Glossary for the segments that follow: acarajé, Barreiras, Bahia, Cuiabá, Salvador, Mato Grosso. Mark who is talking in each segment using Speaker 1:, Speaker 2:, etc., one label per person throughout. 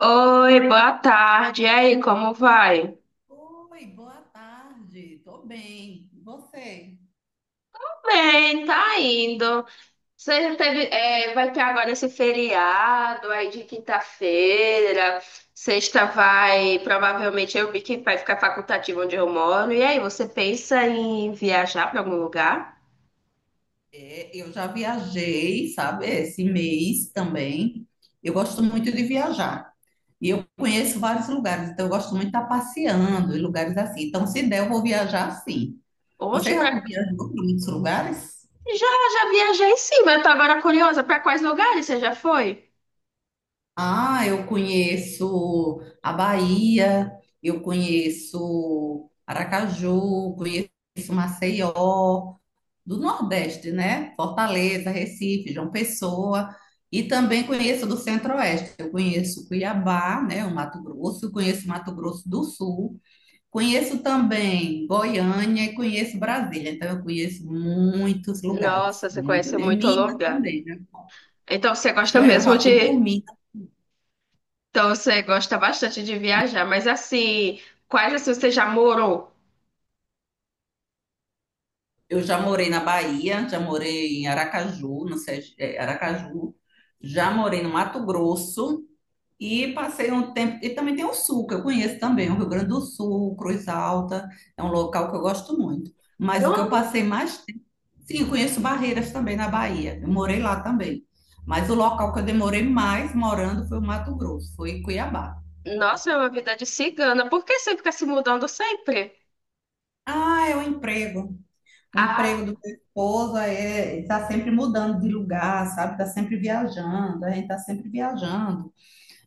Speaker 1: Oi, boa tarde. E aí, como vai?
Speaker 2: Oi, boa tarde. Tô bem. E você?
Speaker 1: Bem, tá indo. Você já teve, é, vai ter agora esse feriado aí de quinta-feira. Sexta vai, provavelmente eu vi que vai ficar facultativo onde eu moro. E aí, você pensa em viajar para algum lugar?
Speaker 2: É, eu já viajei, sabe, esse mês também. Eu gosto muito de viajar. E eu conheço vários lugares, então eu gosto muito de estar passeando em lugares assim. Então, se der, eu vou viajar sim. Você
Speaker 1: Oxe,
Speaker 2: já
Speaker 1: pra...
Speaker 2: viajou para muitos lugares?
Speaker 1: já, já viajei sim, mas eu tô agora curiosa. Para quais lugares você já foi?
Speaker 2: Ah, eu conheço a Bahia, eu conheço Aracaju, conheço Maceió, do Nordeste, né? Fortaleza, Recife, João Pessoa, e também conheço do Centro-Oeste. Eu conheço Cuiabá, né, o Mato Grosso, conheço Mato Grosso do Sul, conheço também Goiânia e conheço Brasília. Então, eu conheço muitos lugares,
Speaker 1: Nossa, você
Speaker 2: muito
Speaker 1: conhece
Speaker 2: bem.
Speaker 1: muito
Speaker 2: Minas
Speaker 1: lugar.
Speaker 2: também, né?
Speaker 1: Então você gosta
Speaker 2: Eu
Speaker 1: mesmo
Speaker 2: já fui por
Speaker 1: de.
Speaker 2: Minas.
Speaker 1: Então você gosta bastante de viajar, mas assim, quais assim você já morou?
Speaker 2: Eu já morei na Bahia, já morei em Aracaju, no Aracaju, já morei no Mato Grosso. E passei um tempo. E também tem o Sul, que eu conheço também, o Rio Grande do Sul, Cruz Alta, é um local que eu gosto muito. Mas o que eu
Speaker 1: Não.
Speaker 2: passei mais tempo. Sim, eu conheço Barreiras também na Bahia, eu morei lá também. Mas o local que eu demorei mais morando foi o Mato Grosso, foi Cuiabá.
Speaker 1: Nossa, é uma vida de cigana. Por que você fica se mudando sempre?
Speaker 2: Ah, é o emprego. O
Speaker 1: Ah,
Speaker 2: emprego do meu esposo é, está sempre mudando de lugar, sabe? Está sempre viajando, a gente está sempre viajando.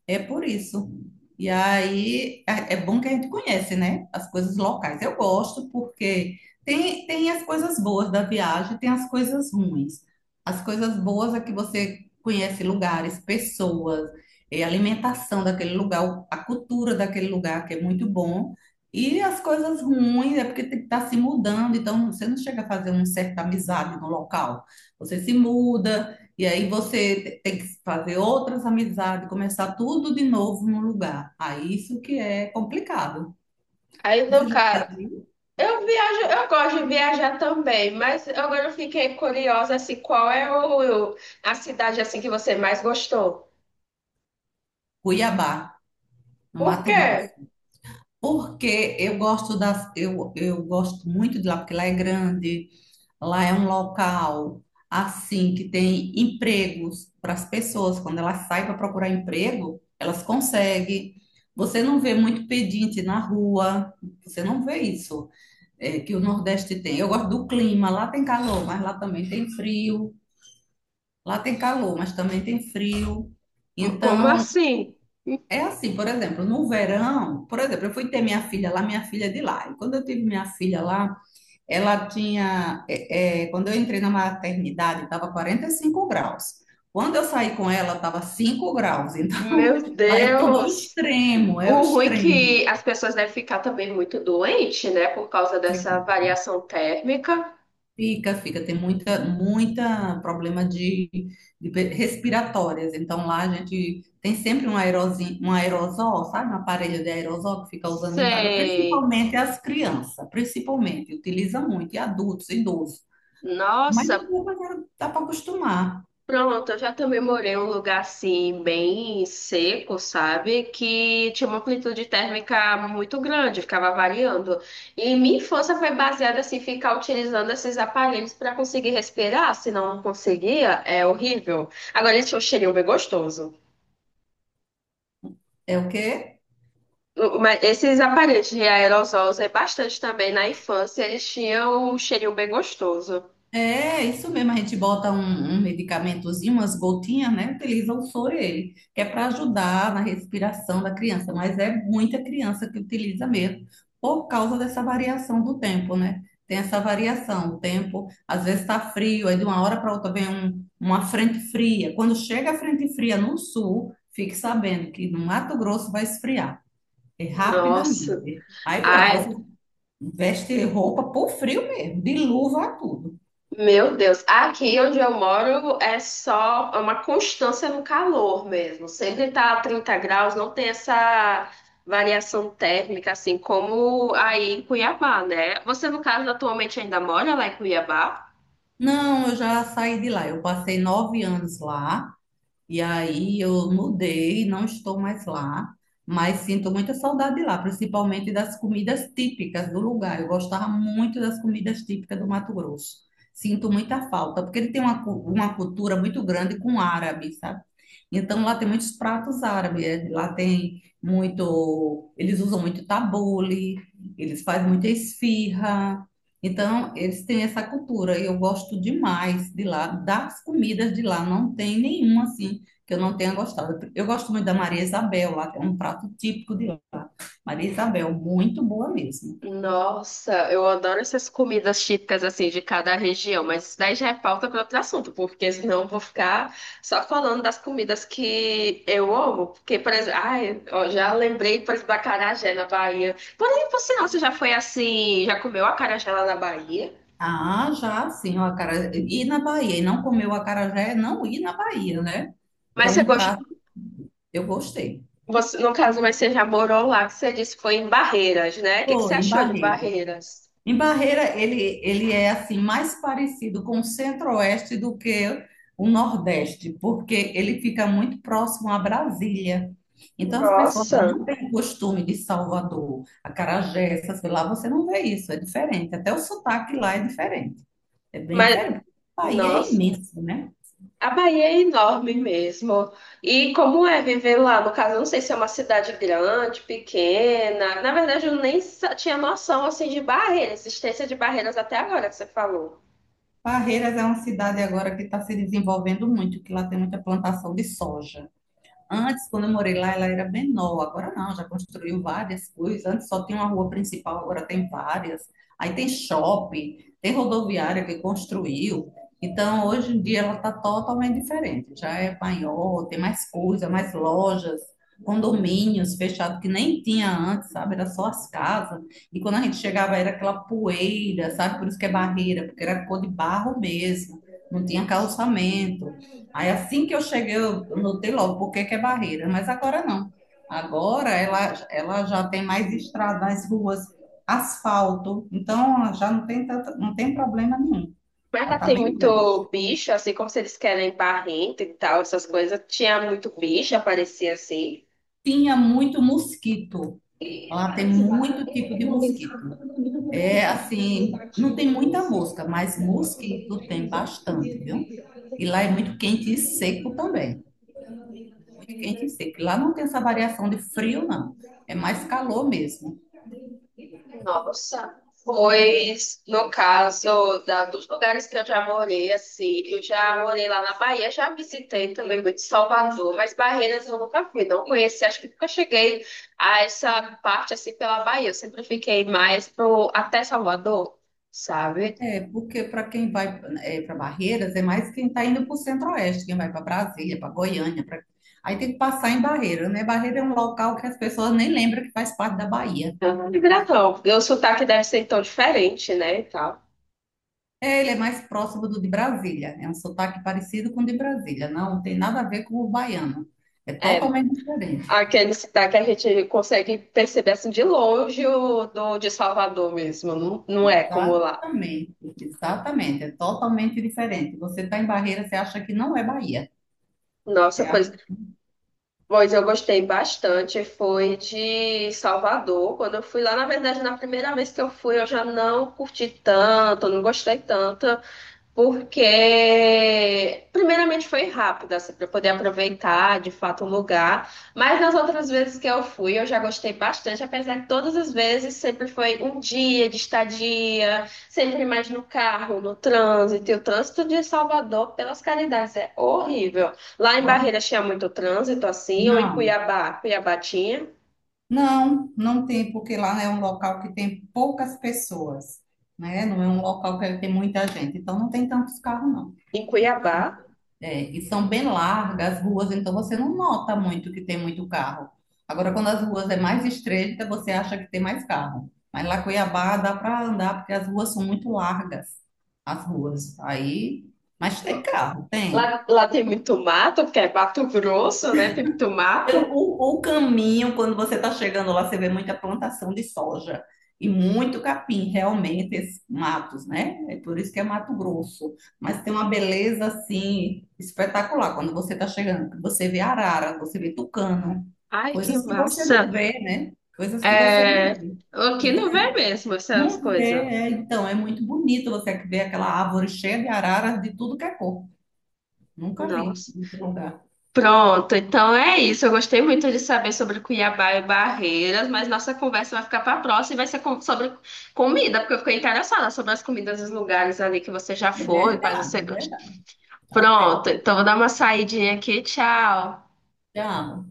Speaker 2: É por isso. E aí é bom que a gente conhece, né? As coisas locais. Eu gosto porque tem as coisas boas da viagem, tem as coisas ruins. As coisas boas é que você conhece lugares, pessoas, alimentação daquele lugar, a cultura daquele lugar, que é muito bom. E as coisas ruins é porque tem que estar se mudando, então você não chega a fazer uma certa amizade no local. Você se muda. E aí você tem que fazer outras amizades, começar tudo de novo no lugar. Aí isso que é complicado.
Speaker 1: aí não,
Speaker 2: Você já
Speaker 1: cara.
Speaker 2: viu?
Speaker 1: Eu viajo, eu gosto de viajar também, mas agora eu fiquei curiosa assim, qual é o, a cidade assim que você mais gostou?
Speaker 2: Cuiabá, no
Speaker 1: Por
Speaker 2: Mato
Speaker 1: quê?
Speaker 2: Grosso. Porque eu gosto das, eu gosto muito de lá, porque lá é grande, lá é um local assim que tem empregos para as pessoas. Quando elas saem para procurar emprego, elas conseguem. Você não vê muito pedinte na rua, você não vê isso é, que o Nordeste tem. Eu gosto do clima, lá tem calor, mas lá também tem frio. Lá tem calor, mas também tem frio.
Speaker 1: Como
Speaker 2: Então,
Speaker 1: assim?
Speaker 2: é assim, por exemplo, no verão, por exemplo, eu fui ter minha filha lá, minha filha é de lá. E quando eu tive minha filha lá, ela tinha, é, é, quando eu entrei na maternidade, estava 45 graus. Quando eu saí com ela, estava 5 graus. Então,
Speaker 1: Meu
Speaker 2: lá é tudo ao
Speaker 1: Deus!
Speaker 2: extremo, é o
Speaker 1: O ruim é
Speaker 2: extremo.
Speaker 1: que as pessoas devem ficar também muito doentes, né? Por causa dessa variação térmica.
Speaker 2: Fica, fica, tem muita problema de respiratórias. Então lá a gente tem sempre um aerozinho, um aerosol, sabe? Um aparelho de aerosol que fica usando em casa,
Speaker 1: Sei.
Speaker 2: principalmente as crianças, principalmente, utiliza muito, e adultos, idosos. Mas
Speaker 1: Nossa,
Speaker 2: depois dá para acostumar.
Speaker 1: pronto, eu já também morei em um lugar assim, bem seco, sabe? Que tinha uma amplitude térmica muito grande, ficava variando. E minha infância foi baseada assim, ficar utilizando esses aparelhos para conseguir respirar, se não conseguia, é horrível. Agora ele tinha um cheirinho bem gostoso.
Speaker 2: É o quê?
Speaker 1: Mas esses aparelhos de aerosol eu usei bastante também na infância, eles tinham um cheirinho bem gostoso.
Speaker 2: É, isso mesmo, a gente bota um, um medicamentozinho, umas gotinhas, né? Utiliza o soro ele, que é para ajudar na respiração da criança, mas é muita criança que utiliza mesmo, por causa dessa variação do tempo, né? Tem essa variação, o tempo, às vezes tá frio, aí de uma hora para outra vem uma frente fria. Quando chega a frente fria no sul, fique sabendo que no Mato Grosso vai esfriar, é
Speaker 1: Nossa.
Speaker 2: rapidamente. Aí pronto,
Speaker 1: Ai,
Speaker 2: você veste roupa por frio mesmo, de luva a tudo.
Speaker 1: Meu Deus, aqui onde eu moro é só é uma constância no calor mesmo. Sempre tá a 30 graus, não tem essa variação térmica assim como aí em Cuiabá, né? Você, no caso, atualmente ainda mora lá em Cuiabá?
Speaker 2: Não, eu já saí de lá. Eu passei 9 anos lá. E aí eu mudei, não estou mais lá, mas sinto muita saudade lá, principalmente das comidas típicas do lugar. Eu gostava muito das comidas típicas do Mato Grosso. Sinto muita falta, porque ele tem uma cultura muito grande com árabe, sabe? Então lá tem muitos pratos árabes, lá tem muito, eles usam muito tabule, eles fazem muita esfirra. Então, eles têm essa cultura e eu gosto demais de lá, das comidas de lá, não tem nenhuma assim que eu não tenha gostado. Eu gosto muito da Maria Isabel, lá que é um prato típico de lá. Maria Isabel, muito boa mesmo.
Speaker 1: Nossa, eu adoro essas comidas típicas assim de cada região, mas isso daí já é pauta para outro assunto, porque senão eu vou ficar só falando das comidas que eu amo. Porque, por exemplo, ai, ó, já lembrei, por exemplo, da acarajé na Bahia. Porém, você não, você já foi assim, já comeu acarajé lá na Bahia?
Speaker 2: Ah, já sim, o acarajé. Ir na Bahia e não comer o acarajé é não ir na Bahia, né? Que é
Speaker 1: Mas você
Speaker 2: um
Speaker 1: gosta,
Speaker 2: prato, eu gostei.
Speaker 1: você, no caso, mas você já morou lá, que você disse que foi em Barreiras, né? O que que você
Speaker 2: Foi em
Speaker 1: achou de
Speaker 2: Barreiras.
Speaker 1: Barreiras?
Speaker 2: Em Barreira, ele é assim mais parecido com o Centro-Oeste do que o Nordeste, porque ele fica muito próximo a Brasília. Então, as pessoas que
Speaker 1: Nossa,
Speaker 2: não têm costume de Salvador, acarajé, essas coisas lá, você não vê isso, é diferente. Até o sotaque lá é diferente, é bem
Speaker 1: mas
Speaker 2: diferente. O Bahia é
Speaker 1: nossa.
Speaker 2: imenso, né?
Speaker 1: A Bahia é enorme mesmo. E como é viver lá? No caso, eu não sei se é uma cidade grande, pequena. Na verdade, eu nem tinha noção assim de barreiras, existência de barreiras até agora que você falou.
Speaker 2: Barreiras é uma cidade agora que está se desenvolvendo muito, que lá tem muita plantação de soja. Antes, quando eu morei lá, ela era menor. Agora não, já construiu várias coisas. Antes só tinha uma rua principal, agora tem várias. Aí tem shopping, tem rodoviária que construiu. Então, hoje em dia, ela está totalmente diferente. Já é maior, tem mais coisa, mais lojas, condomínios fechados que nem tinha antes, sabe? Era só as casas. E quando a gente chegava, era aquela poeira, sabe? Por isso que é barreira, porque era cor de barro mesmo. Não tinha calçamento. Aí assim que eu cheguei, eu notei logo por que que é barreira, mas agora não. Agora ela já tem mais estradas, ruas, asfalto, então já não tem tanto, não tem problema nenhum.
Speaker 1: Mas
Speaker 2: Já
Speaker 1: lá
Speaker 2: está
Speaker 1: tem
Speaker 2: bem
Speaker 1: muito
Speaker 2: grande.
Speaker 1: bicho, assim como se eles querem barrento e tal, essas coisas. Tinha muito bicho, aparecia assim.
Speaker 2: Tinha muito mosquito. Lá tem muito tipo de mosquito. É assim, não tem muita mosca, mas mosquito tem bastante, viu? E lá é muito quente e seco também. Muito quente e seco. Lá não tem essa variação de frio, não. É mais calor mesmo.
Speaker 1: Nossa, pois no caso da, dos lugares que eu já morei, assim, eu já morei lá na Bahia, já visitei também muito Salvador, mas Barreiras eu nunca fui, não conheci, acho que nunca cheguei a essa parte assim pela Bahia, eu sempre fiquei mais pro, até Salvador, sabe?
Speaker 2: É, porque para quem vai para Barreiras, é mais quem está indo para o Centro-Oeste, quem vai para Brasília, para Goiânia. Aí tem que passar em Barreira, né? Barreira é um local que as pessoas nem lembram que faz parte da Bahia.
Speaker 1: Então, não me agrada, não. E o sotaque deve ser tão diferente, né, e tal.
Speaker 2: É, ele é mais próximo do de Brasília. É um sotaque parecido com o de Brasília. Não tem nada a ver com o baiano. É
Speaker 1: É,
Speaker 2: totalmente diferente.
Speaker 1: aquele sotaque que a gente consegue perceber assim de longe o do de Salvador mesmo, não, não é como lá.
Speaker 2: Exatamente. Exatamente. É totalmente diferente. Você está em Barreira, você acha que não é Bahia. Você
Speaker 1: Nossa,
Speaker 2: acha
Speaker 1: pois,
Speaker 2: que
Speaker 1: pois eu gostei bastante, foi de Salvador. Quando eu fui lá, na verdade, na primeira vez que eu fui, eu já não curti tanto, não gostei tanto. Porque primeiramente foi rápido, assim, para poder aproveitar de fato o lugar, mas nas outras vezes que eu fui, eu já gostei bastante, apesar de todas as vezes sempre foi um dia de estadia, sempre mais no carro, no trânsito, e o trânsito de Salvador, pelas caridades, é horrível. Lá em
Speaker 2: não?
Speaker 1: Barreiras tinha muito trânsito, assim, ou em
Speaker 2: Não.
Speaker 1: Cuiabá, Cuiabá tinha,
Speaker 2: Não, não tem, porque lá é um local que tem poucas pessoas, né? Não é um local que tem muita gente, então não tem tantos carros, não.
Speaker 1: em Cuiabá.
Speaker 2: É, e são bem largas as ruas, então você não nota muito que tem muito carro. Agora, quando as ruas é mais estreita, você acha que tem mais carro. Mas lá em Cuiabá dá para andar, porque as ruas são muito largas, as ruas. Aí, mas tem carro, tem.
Speaker 1: Lá, lá tem muito mato, porque é Mato Grosso, né? Tem muito
Speaker 2: Pelo,
Speaker 1: mato.
Speaker 2: o, o caminho, quando você está chegando lá, você vê muita plantação de soja e muito capim, realmente, esses matos, né? É por isso que é Mato Grosso. Mas tem uma beleza, assim, espetacular quando você está chegando. Você vê arara, você vê tucano,
Speaker 1: Ai, que
Speaker 2: coisas que você
Speaker 1: massa!
Speaker 2: não vê, né? Coisas que você não
Speaker 1: É,
Speaker 2: vê.
Speaker 1: aqui
Speaker 2: Então,
Speaker 1: não vê mesmo essas
Speaker 2: não vê,
Speaker 1: coisas.
Speaker 2: então, é muito bonito você ver aquela árvore cheia de araras de tudo que é cor. Nunca vi
Speaker 1: Nossa.
Speaker 2: em outro lugar.
Speaker 1: Pronto, então é isso. Eu gostei muito de saber sobre Cuiabá e Barreiras, mas nossa conversa vai ficar para a próxima e vai ser sobre comida, porque eu fiquei interessada sobre as comidas dos lugares ali que você já
Speaker 2: É
Speaker 1: foi, quais você
Speaker 2: verdade, é
Speaker 1: gosta.
Speaker 2: verdade. Tá certo.
Speaker 1: Pronto, então vou dar uma saidinha aqui. Tchau.
Speaker 2: Já.